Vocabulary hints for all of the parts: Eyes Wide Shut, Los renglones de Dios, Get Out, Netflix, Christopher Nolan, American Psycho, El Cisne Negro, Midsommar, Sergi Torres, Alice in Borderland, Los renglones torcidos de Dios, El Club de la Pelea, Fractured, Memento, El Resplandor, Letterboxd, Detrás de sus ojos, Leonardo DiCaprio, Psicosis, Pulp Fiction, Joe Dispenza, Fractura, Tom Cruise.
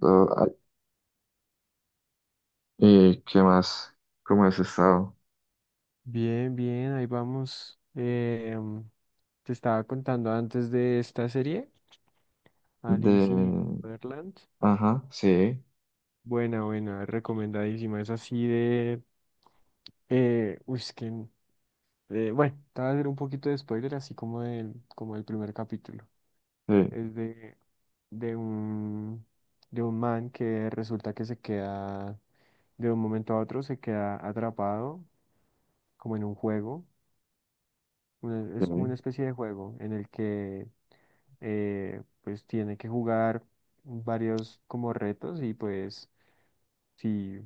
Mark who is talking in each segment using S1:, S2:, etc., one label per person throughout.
S1: Do- ah, ¿Y qué más? ¿Cómo has estado?
S2: Bien, bien, ahí vamos. Te estaba contando antes de esta serie,
S1: De...
S2: Alice in Borderland.
S1: Ajá, sí,
S2: Buena, buena, recomendadísima. Es así de. Uy, es que. Bueno, te voy a hacer un poquito de spoiler, así como como el primer capítulo.
S1: sí,
S2: Es de, de un, de un man que resulta que se queda, de un momento a otro, se queda atrapado como en un juego. una-
S1: sí,
S2: es como una especie de juego en el que pues tiene que jugar varios como retos y pues si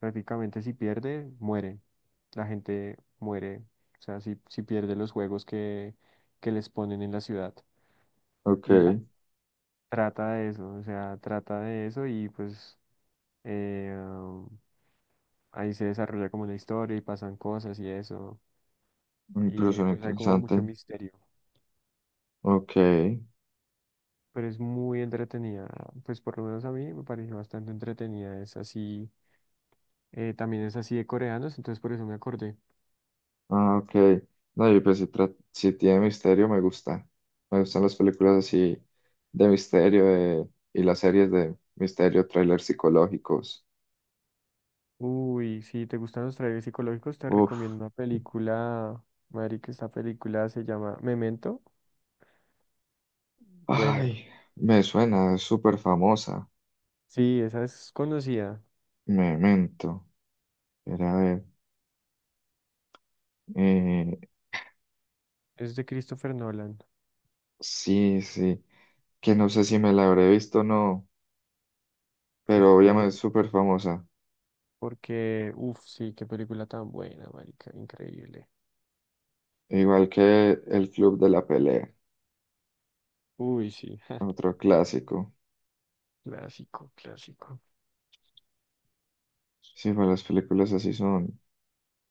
S2: prácticamente si pierde, muere. La gente muere, o sea, si pierde los juegos que les ponen en la ciudad. Y ya,
S1: ok,
S2: trata de eso, o sea, trata de eso y pues eh, um, ahí se desarrolla como una historia y pasan cosas y eso.
S1: una
S2: Y
S1: persona
S2: pues hay como
S1: interesante,
S2: mucho misterio.
S1: ok,
S2: Pero es muy entretenida. Pues por lo menos a mí me pareció bastante entretenida. Es así, también es así de coreanos, entonces por eso me acordé.
S1: ah, ok. No, y pues si, si tiene misterio me gusta, me gustan las películas así de y las series de misterio, trailers psicológicos.
S2: Uy, si te gustan los trailers psicológicos, te
S1: Uf,
S2: recomiendo una película, que esta película se llama Memento. Buena.
S1: ay, me suena, es súper famosa,
S2: Sí, esa es conocida.
S1: Memento, pero a ver, eh,
S2: Es de Christopher Nolan.
S1: sí, sí, que no sé si me la habré visto o no,
S2: Pues
S1: pero obviamente
S2: pues,
S1: es súper famosa.
S2: porque, uff, sí, qué película tan buena, marica, increíble.
S1: Igual que El Club de la Pelea,
S2: Uy, sí,
S1: otro clásico.
S2: clásico, clásico.
S1: Sí, pues las películas así son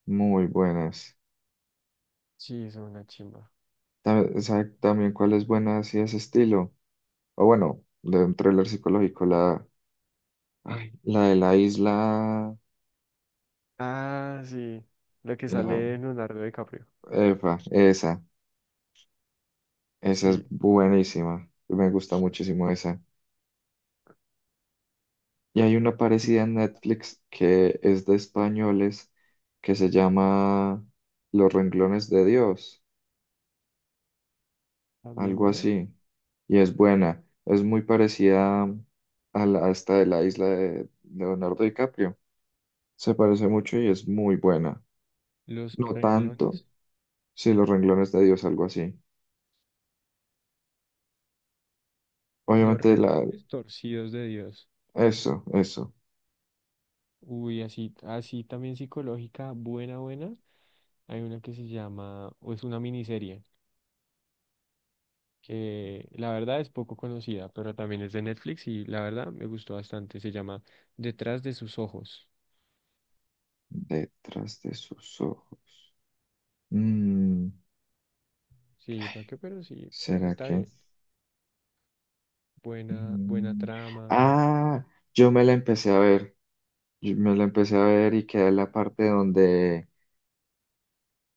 S1: muy buenas.
S2: Sí, es una chimba.
S1: ¿Sabe también cuál es buena así de ese estilo? O bueno, de un thriller psicológico, la, ay, la de la isla,
S2: Ah, sí. La que
S1: la,
S2: sale en Leonardo DiCaprio.
S1: epa, esa
S2: Sí,
S1: es buenísima. Me gusta muchísimo esa. Y hay una
S2: sí,
S1: parecida en Netflix que es de españoles que se llama Los renglones de Dios,
S2: también
S1: algo
S2: buena.
S1: así. Y es buena, es muy parecida a, la, a esta de la isla de Leonardo DiCaprio. Se parece mucho y es muy buena.
S2: Los
S1: No tanto,
S2: renglones,
S1: sí, Los renglones de Dios, algo así.
S2: los
S1: Obviamente la,
S2: renglones torcidos de Dios.
S1: eso, eso.
S2: Uy, así, así también psicológica, buena, buena. Hay una que se llama, o es una miniserie, que la verdad es poco conocida, pero también es de Netflix y la verdad me gustó bastante. Se llama Detrás de sus ojos.
S1: Detrás de sus ojos. Mm,
S2: Sí, ¿para qué? Pero sí, pues
S1: ¿será
S2: está
S1: que?
S2: bien. Buena, buena
S1: Mm,
S2: trama.
S1: ah, yo me la empecé a ver, yo me la empecé a ver y quedé en la parte donde,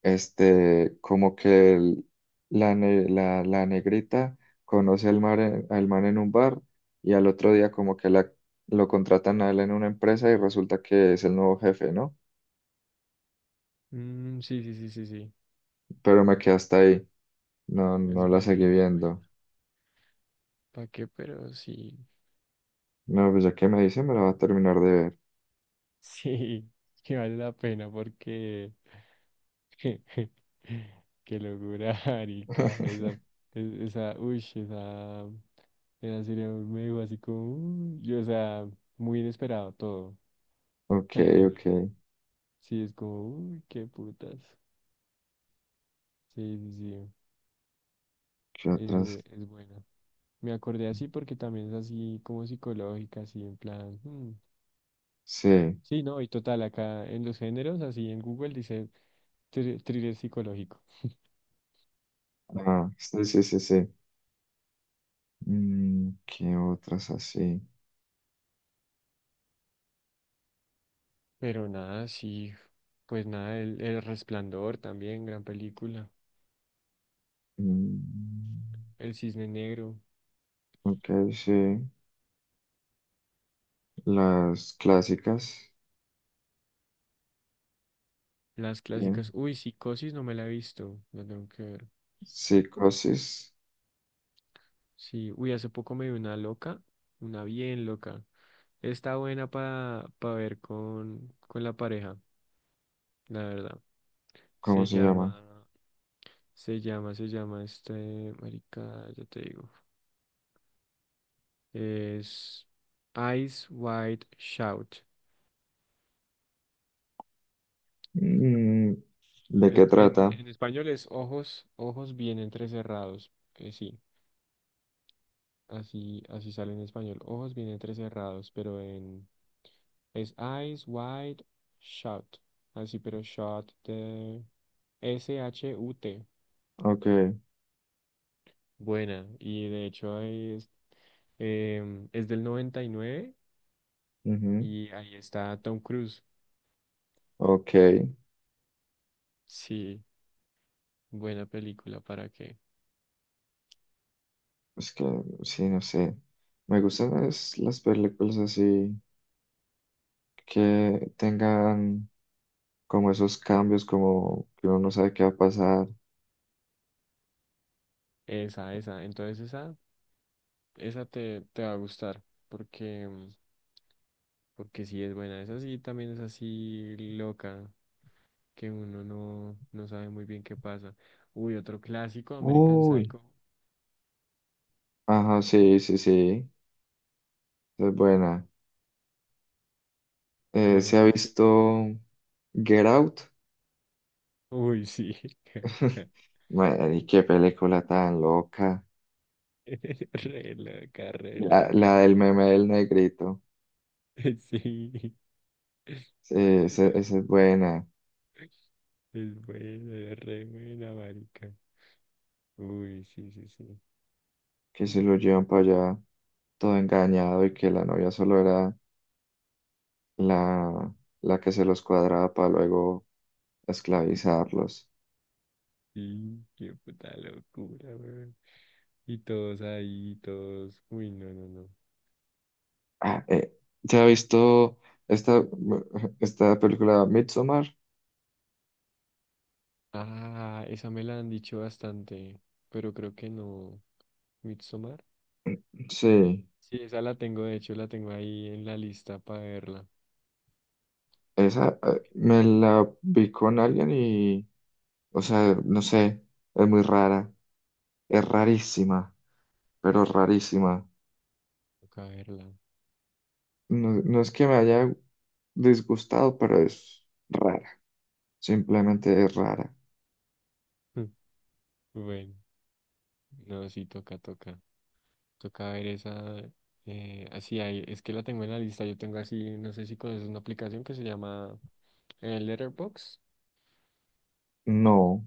S1: este, como que la, la, la negrita conoce al, mar, al man en un bar y al otro día como que la, lo contratan a él en una empresa y resulta que es el nuevo jefe, ¿no?
S2: Mm, sí, sí, sí, sí, sí.
S1: Pero me quedé hasta ahí, no,
S2: Es
S1: no la seguí
S2: buena, es
S1: viendo.
S2: buena. ¿Para qué? Pero sí,
S1: No, pues ya que me dice, me la va a terminar de ver.
S2: sí, que vale la pena porque qué locura, marica, esa, esa, uy, esa serie me dijo así como, uy, y, o sea, muy inesperado todo
S1: Ok,
S2: al
S1: ok,
S2: final. Sí, es como, uy, qué putas. Sí, sí, sí,
S1: ¿qué otras?
S2: es buena. Me acordé así porque también es así como psicológica, así en plan, hmm.
S1: Sí.
S2: Sí, no, y total, acá en los géneros, así en Google dice thriller psicológico.
S1: Ah, sí, sí, sí, sí. Mm, ¿qué otras así?
S2: Pero nada, sí, pues nada, El Resplandor también, gran película.
S1: Mm,
S2: El Cisne Negro,
S1: ok, sí. Las clásicas.
S2: las clásicas.
S1: Bien.
S2: Uy, Psicosis no me la he visto, la tengo que ver.
S1: Psicosis,
S2: Sí, uy, hace poco me vi una loca, una bien loca. Está buena para ver con la pareja, la verdad.
S1: ¿cómo
S2: Se
S1: se llama?
S2: llama, se llama este, marica, ya te digo. Es Eyes Wide Shut.
S1: Mm, ¿de
S2: Es-
S1: qué
S2: En,
S1: trata?
S2: en español es ojos bien entrecerrados. Que sí, así, así sale en español. Ojos bien entrecerrados, pero en es Eyes Wide Shut. Así, pero shut de S-H-U-T.
S1: Ok,
S2: Buena. Y de hecho ahí es, es del 99 y nueve
S1: ujú,
S2: y ahí está Tom Cruise.
S1: ok.
S2: Sí, buena película, ¿para qué?
S1: Es que, sí, no sé. Me gustan es las películas así que tengan como esos cambios, como que uno no sabe qué va a pasar.
S2: Esa, esa. Entonces esa. Te va a gustar porque, porque sí es buena. Esa sí también es así loca que uno no, no sabe muy bien qué pasa. Uy, otro clásico, American
S1: Uy.
S2: Psycho.
S1: Ajá, sí, sí, sí. Es buena.
S2: Bueno,
S1: ¿Se ha
S2: Pulp Fiction.
S1: visto Get Out?
S2: Uy, sí.
S1: Madre, qué película tan loca.
S2: Re loca, re
S1: La,
S2: loca.
S1: la del meme del negrito.
S2: Sí.
S1: Sí, esa es buena.
S2: Es buena, es re buena, marica. Uy, sí, sí, sí.
S1: Que se lo llevan para allá todo engañado y que la novia solo era la, la que se los cuadraba para luego esclavizarlos.
S2: Sí, qué puta locura, weón. Y todos ahí, todos. Uy, no, no, no.
S1: Ah, ¿se ha visto esta, esta película Midsommar?
S2: Ah, esa me la han dicho bastante, pero creo que no. Midsommar.
S1: Sí,
S2: Sí, esa la tengo, de hecho, la tengo ahí en la lista para verla.
S1: esa
S2: Es que
S1: me la vi con alguien. O sea, no sé, es muy rara, es rarísima, pero rarísima.
S2: toca verla.
S1: No, no es que me haya disgustado, pero es rara, simplemente es rara.
S2: Bueno, no, sí, toca, toca. Toca ver esa. Así, hay, es que la tengo en la lista. Yo tengo así, no sé si conoces una aplicación que se llama Letterboxd.
S1: No.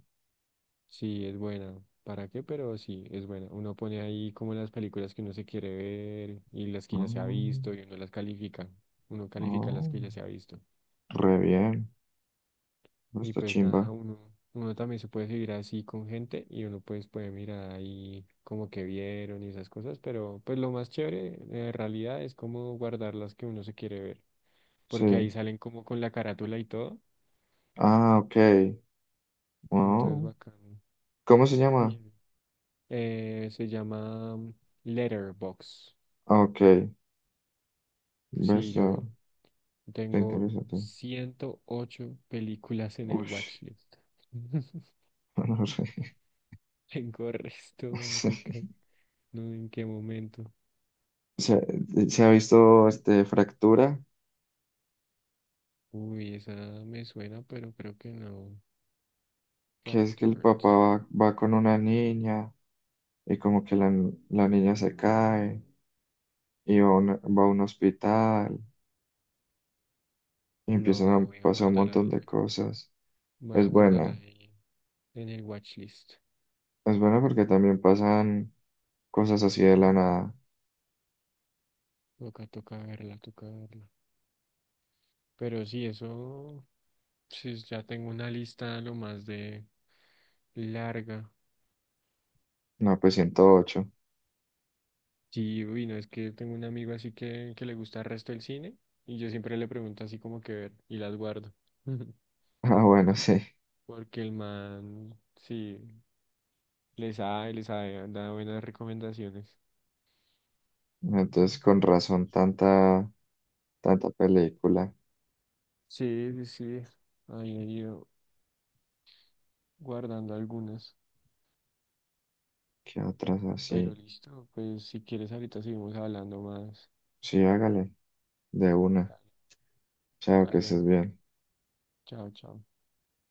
S2: Sí, es buena. ¿Para qué? Pero sí, es buena. Uno pone ahí como las películas que uno se quiere ver y las que ya se ha
S1: Oh,
S2: visto y uno las califica. Uno califica las
S1: oh,
S2: que ya se ha visto.
S1: re bien,
S2: Y
S1: esta
S2: pues
S1: chimba.
S2: nada, uno también se puede seguir así con gente y uno pues puede mirar ahí como que vieron y esas cosas, pero pues lo más chévere en realidad es como guardar las que uno se quiere ver, porque
S1: Sí.
S2: ahí salen como con la carátula y todo.
S1: Ah, ok.
S2: Entonces,
S1: Oh,
S2: bacán.
S1: ¿cómo se llama?
S2: Sí. Se llama Letterbox.
S1: Ah, ok,
S2: Sí,
S1: ves, ah,
S2: yo
S1: te
S2: tengo
S1: interesa, te-
S2: 108 películas en el
S1: Ush,
S2: watchlist.
S1: no sé.
S2: Tengo resto, marica. No sé en qué momento.
S1: Se, se ha visto este, Fractura,
S2: Uy, esa me suena, pero creo que no.
S1: que es que el
S2: Fractured.
S1: papá va, va con una niña y como que la, la niña se cae y va a, va a un hospital y empiezan
S2: No,
S1: a
S2: voy a
S1: pasar un
S2: guardarla.
S1: montón
S2: En
S1: de cosas.
S2: Voy a
S1: Es
S2: guardarla
S1: buena,
S2: ahí en el watchlist.
S1: es buena porque también pasan cosas así de la nada.
S2: Toca, toca verla, toca verla. Pero sí, eso. Sí, ya tengo una lista lo más de larga.
S1: No, pues 108.
S2: Sí, uy, no, es que tengo un amigo así que le gusta el resto del cine y yo siempre le pregunto así como que ver y las guardo.
S1: Ah, bueno, sí.
S2: Porque el man, sí, les sabe, da buenas recomendaciones.
S1: Entonces con razón tanta, tanta película
S2: Sí, sí, sí, ahí he ido guardando algunas.
S1: qué otras
S2: Pero
S1: así.
S2: listo, pues si quieres ahorita seguimos hablando más.
S1: Sí, hágale, de una.
S2: Dale,
S1: Chao, que estés
S2: dale,
S1: bien.
S2: chao, chao.